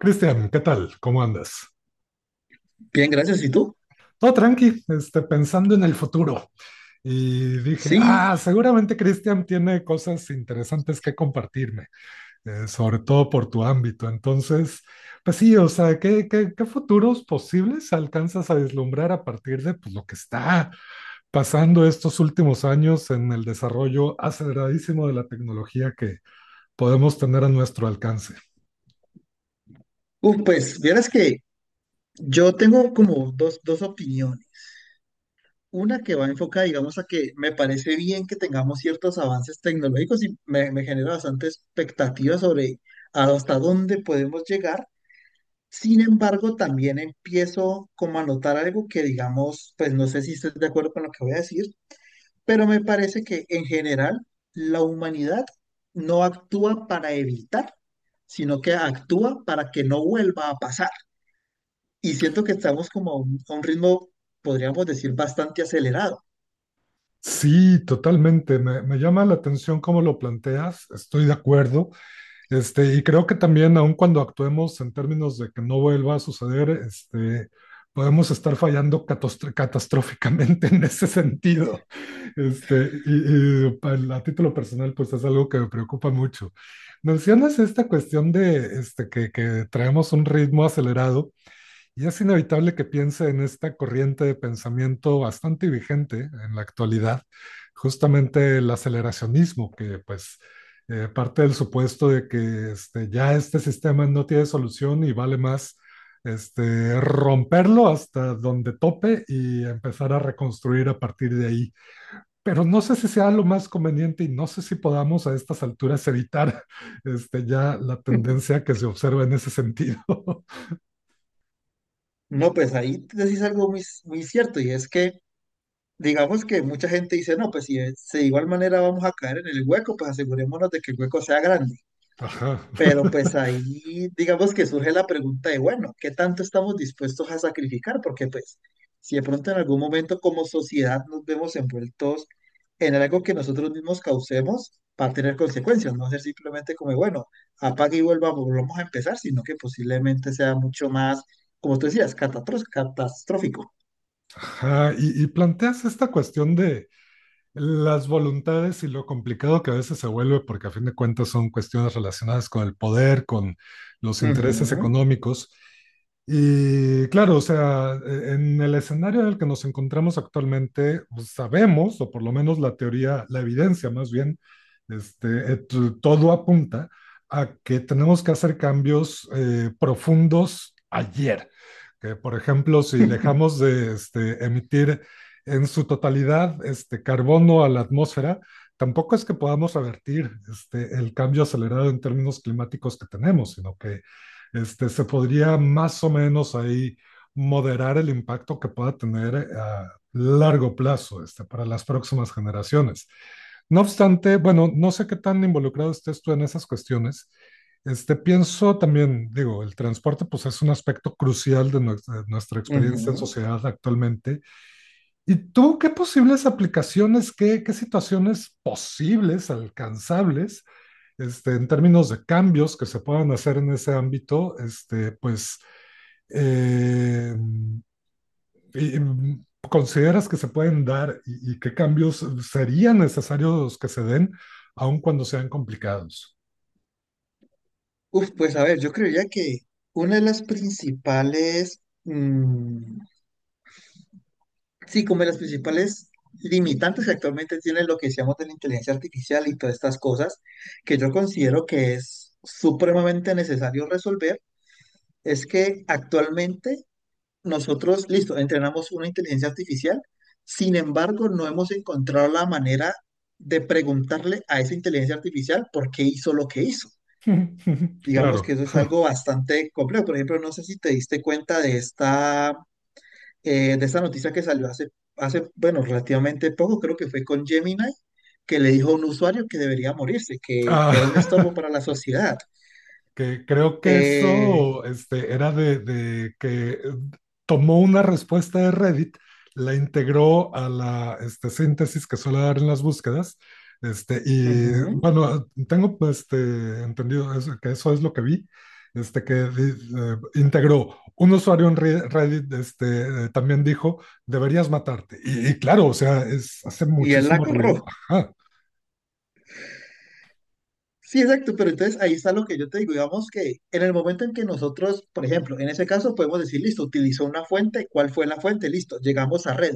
Cristian, ¿qué tal? ¿Cómo andas? Bien, gracias. ¿Y tú? Todo tranqui, pensando en el futuro. Y dije, Sí. Seguramente Cristian tiene cosas interesantes que compartirme, sobre todo por tu ámbito. Entonces, pues sí, o sea, ¿qué futuros posibles alcanzas a vislumbrar a partir de pues, lo que está pasando estos últimos años en el desarrollo aceleradísimo de la tecnología que podemos tener a nuestro alcance? Uf, pues vieras que yo tengo como dos opiniones. Una que va enfocada, digamos, a que me parece bien que tengamos ciertos avances tecnológicos y me genera bastante expectativa sobre hasta dónde podemos llegar. Sin embargo, también empiezo como a notar algo que, digamos, pues no sé si estés de acuerdo con lo que voy a decir, pero me parece que en general la humanidad no actúa para evitar, sino que actúa para que no vuelva a pasar. Y siento que estamos como a un ritmo, podríamos decir, bastante acelerado. Sí, totalmente. Me llama la atención cómo lo planteas. Estoy de acuerdo. Y creo que también, aun cuando actuemos en términos de que no vuelva a suceder, podemos estar fallando catastróficamente en ese sentido. A título personal, pues es algo que me preocupa mucho. Mencionas esta cuestión de que traemos un ritmo acelerado. Y es inevitable que piense en esta corriente de pensamiento bastante vigente en la actualidad, justamente el aceleracionismo, que pues parte del supuesto de que ya este sistema no tiene solución y vale más romperlo hasta donde tope y empezar a reconstruir a partir de ahí. Pero no sé si sea lo más conveniente y no sé si podamos a estas alturas evitar ya la tendencia que se observa en ese sentido. No, pues ahí decís algo muy cierto y es que digamos que mucha gente dice, no, pues si de igual manera vamos a caer en el hueco, pues asegurémonos de que el hueco sea grande. Ajá. Pero pues ahí digamos que surge la pregunta de, bueno, ¿qué tanto estamos dispuestos a sacrificar? Porque pues si de pronto en algún momento como sociedad nos vemos envueltos en algo que nosotros mismos causemos, va a tener consecuencias, no va a ser simplemente como, bueno, volvamos a empezar, sino que posiblemente sea mucho más, como tú decías, catastrófico. Ajá, y planteas esta cuestión de las voluntades y lo complicado que a veces se vuelve, porque a fin de cuentas son cuestiones relacionadas con el poder, con los intereses Ujú. económicos. Y claro, o sea, en el escenario en el que nos encontramos actualmente, pues, sabemos, o por lo menos la teoría, la evidencia más bien, este, et- todo apunta a que tenemos que hacer cambios profundos ayer, que por ejemplo, si dejamos de emitir en su totalidad carbono a la atmósfera, tampoco es que podamos revertir el cambio acelerado en términos climáticos que tenemos, sino que se podría más o menos ahí moderar el impacto que pueda tener a largo plazo para las próximas generaciones. No obstante, bueno, no sé qué tan involucrado estés tú en esas cuestiones, pienso también, digo, el transporte pues es un aspecto crucial de nuestra experiencia en Ujú. sociedad actualmente. ¿Y tú qué posibles aplicaciones, qué situaciones posibles, alcanzables, en términos de cambios que se puedan hacer en ese ámbito, pues, eh, y, y, consideras que se pueden dar y qué cambios serían necesarios que se den, aun cuando sean complicados? Uf, pues a ver, yo creería que una de las principales sí, como de las principales limitantes que actualmente tiene lo que decíamos de la inteligencia artificial y todas estas cosas, que yo considero que es supremamente necesario resolver, es que actualmente nosotros, listo, entrenamos una inteligencia artificial. Sin embargo, no hemos encontrado la manera de preguntarle a esa inteligencia artificial por qué hizo lo que hizo. Digamos Claro. que eso es algo bastante complejo. Por ejemplo, no sé si te diste cuenta de esta noticia que salió hace, bueno, relativamente poco. Creo que fue con Gemini, que le dijo a un usuario que debería morirse, que era un estorbo Ah, para la sociedad. que creo que Eh, eso era de que tomó una respuesta de Reddit, la integró a la síntesis que suele dar en las búsquedas. Y ujú, bueno, tengo pues, entendido que eso es lo que vi, este, que di- integró un usuario en Reddit, también dijo, deberías matarte. Y claro, o sea, es, hace y él la muchísimo agarró. ruido. Ajá, Sí, exacto, pero entonces ahí está lo que yo te digo. Digamos que en el momento en que nosotros, por ejemplo, en ese caso podemos decir, listo, utilizó una fuente. ¿Cuál fue la fuente? Listo, llegamos a red.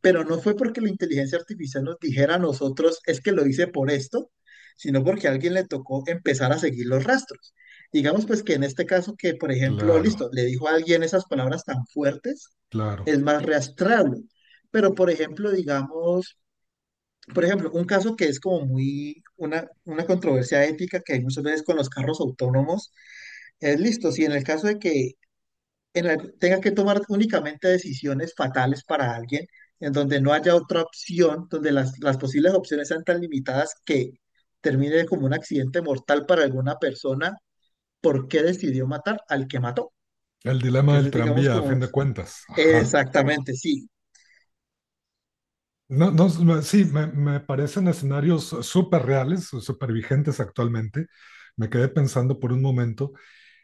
Pero no fue porque la inteligencia artificial nos dijera a nosotros, es que lo hice por esto, sino porque a alguien le tocó empezar a seguir los rastros. Digamos pues que en este caso que, por ejemplo, claro, listo, le dijo a alguien esas palabras tan fuertes, claro. es más rastreable. Pero, por ejemplo, digamos, por ejemplo, un caso que es como muy una controversia ética que hay muchas veces con los carros autónomos, es listo, si en el caso de que en la que tenga que tomar únicamente decisiones fatales para alguien, en donde no haya otra opción, donde las posibles opciones sean tan limitadas que termine como un accidente mortal para alguna persona, ¿por qué decidió matar al que mató? El Que dilema eso del es, digamos, tranvía, a como... fin de cuentas. Ajá. Exactamente, sí. No, no, me- Sí, me parecen escenarios súper reales, súper vigentes actualmente. Me quedé pensando por un momento.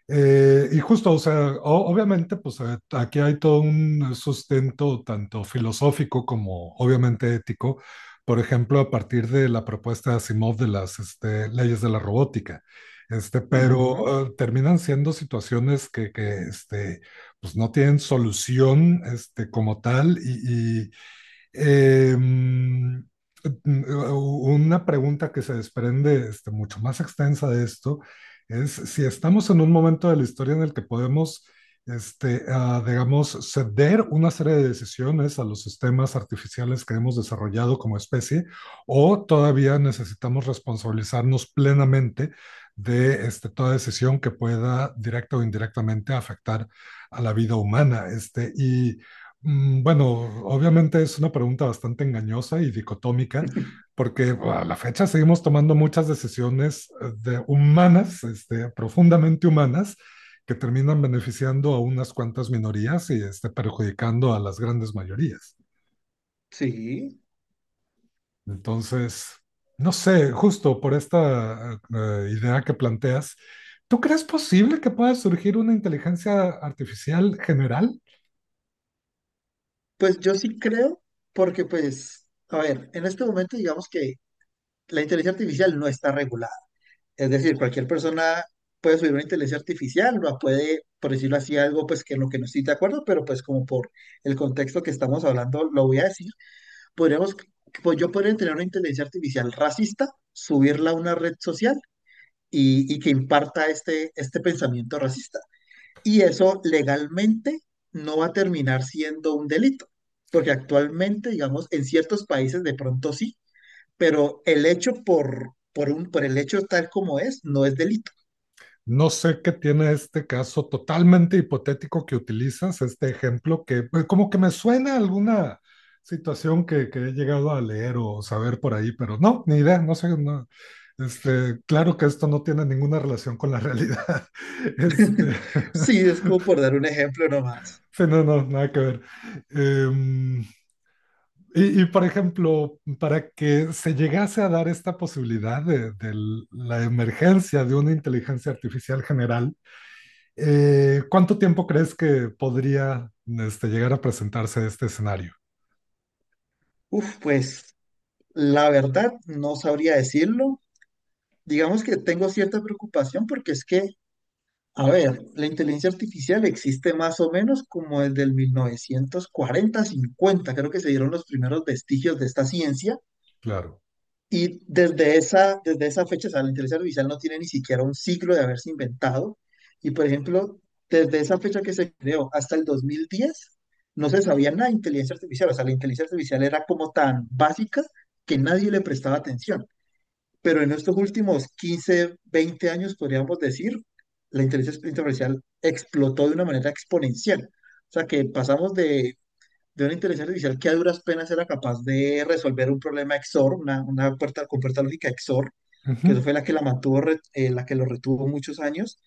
Y justo, o sea, obviamente, pues aquí hay todo un sustento tanto filosófico como obviamente ético. Por ejemplo, a partir de la propuesta de Asimov de las leyes de la robótica. Pero Ujú. Terminan siendo situaciones que pues no tienen solución como tal, eh, una pregunta que se desprende mucho más extensa de esto es si estamos en un momento de la historia en el que podemos, digamos, ceder una serie de decisiones a los sistemas artificiales que hemos desarrollado como especie, o todavía necesitamos responsabilizarnos plenamente de toda decisión que pueda directa o indirectamente afectar a la vida humana. Bueno, obviamente es una pregunta bastante engañosa y dicotómica, porque bueno, a la fecha seguimos tomando muchas decisiones de humanas, profundamente humanas, que terminan beneficiando a unas cuantas minorías y perjudicando a las grandes mayorías. Sí. Entonces, no sé, justo por esta idea que planteas, ¿tú crees posible que pueda surgir una inteligencia artificial general? Pues yo sí creo, porque pues, a ver, en este momento digamos que la inteligencia artificial no está regulada. Es decir, cualquier persona puede subir una inteligencia artificial, ¿no? Puede, por decirlo así, algo pues que en lo que no estoy de acuerdo, pero pues como por el contexto que estamos hablando, lo voy a decir. Podríamos, pues yo podría tener una inteligencia artificial racista, subirla a una red social y que imparta este, este pensamiento racista. Y eso legalmente no va a terminar siendo un delito, porque actualmente, digamos, en ciertos países de pronto sí, pero el hecho por el hecho tal como es, no es delito. No sé qué tiene este caso totalmente hipotético que utilizas, este ejemplo que pues, como que me suena a alguna situación que he llegado a leer o saber por ahí, pero no, ni idea, no sé, no, claro que esto no tiene ninguna relación con la realidad. Este, Sí, es como por dar un ejemplo nomás. sí, no, no, nada que ver. Em, por ejemplo, para que se llegase a dar esta posibilidad de la emergencia de una inteligencia artificial general, ¿cuánto tiempo crees que podría llegar a presentarse este escenario? Uf, pues la verdad no sabría decirlo. Digamos que tengo cierta preocupación porque es que, a ver, la inteligencia artificial existe más o menos como desde el 1940-1950. Creo que se dieron los primeros vestigios de esta ciencia. Claro. Y desde esa fecha, o sea, la inteligencia artificial no tiene ni siquiera un ciclo de haberse inventado. Y por ejemplo, desde esa fecha que se creó hasta el 2010, no se sabía nada de inteligencia artificial. O sea, la inteligencia artificial era como tan básica que nadie le prestaba atención. Pero en estos últimos 15, 20 años, podríamos decir, la inteligencia artificial explotó de una manera exponencial. O sea, que pasamos de una inteligencia artificial que a duras penas era capaz de resolver un problema XOR, una puerta con puerta lógica XOR, que eso Ujú. fue la que la mantuvo, la que lo retuvo muchos años,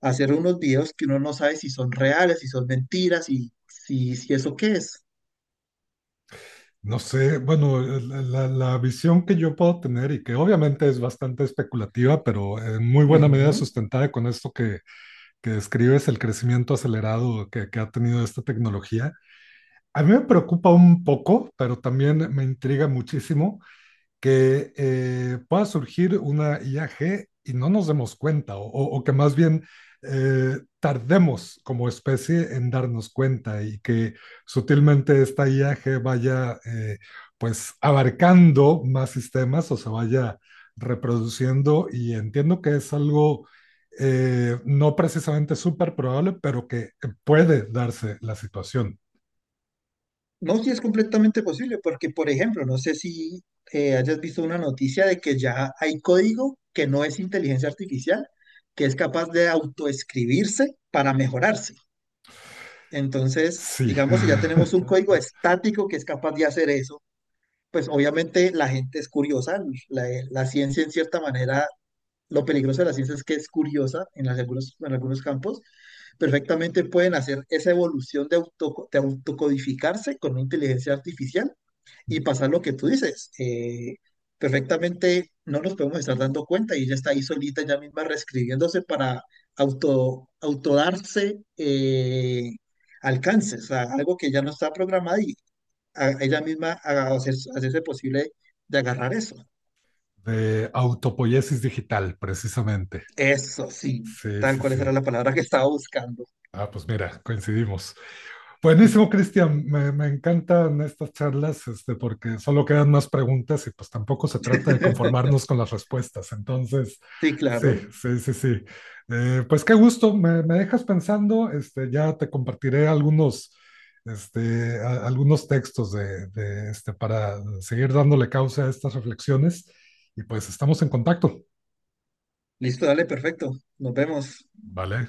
a hacer unos videos que uno no sabe si son reales, si son mentiras, y si eso qué es. No sé, bueno, la visión que yo puedo tener y que obviamente es bastante especulativa, pero en muy buena medida Ujú. sustentada con esto que describes, el crecimiento acelerado que ha tenido esta tecnología, a mí me preocupa un poco, pero también me intriga muchísimo que pueda surgir una IAG y no nos demos cuenta, o que más bien tardemos como especie en darnos cuenta y que sutilmente esta IAG vaya pues abarcando más sistemas o se vaya reproduciendo, y entiendo que es algo no precisamente súper probable, pero que puede darse la situación. No, sí es completamente posible, porque, por ejemplo, no sé si hayas visto una noticia de que ya hay código que no es inteligencia artificial, que es capaz de autoescribirse para mejorarse. Entonces, Sí, digamos, si ya tenemos un código estático que es capaz de hacer eso, pues obviamente la gente es curiosa. La, la ciencia, en cierta manera, lo peligroso de la ciencia es que es curiosa en algunos, en algunos campos. Perfectamente pueden hacer esa evolución de, de autocodificarse con una inteligencia artificial y pasa lo que tú dices, perfectamente no nos podemos estar dando cuenta y ya está ahí solita, ya misma reescribiéndose para autodarse alcances, o sea, algo que ya no está programado y ella misma hacerse posible de agarrar eso. de autopoiesis digital, precisamente. Eso sí, Sí, tal sí, cual esa sí. era la palabra que estaba buscando. Ah, pues mira, coincidimos. Buenísimo, Cristian. Me encantan estas charlas, porque solo quedan más preguntas y pues tampoco se trata de conformarnos con las respuestas. Entonces, Sí, sí, claro. sí, sí, sí. Pues qué gusto, me dejas pensando. Ya te compartiré algunos, algunos textos de para seguir dándole causa a estas reflexiones. Y pues estamos en contacto. Listo, dale, perfecto. Nos vemos. Vale.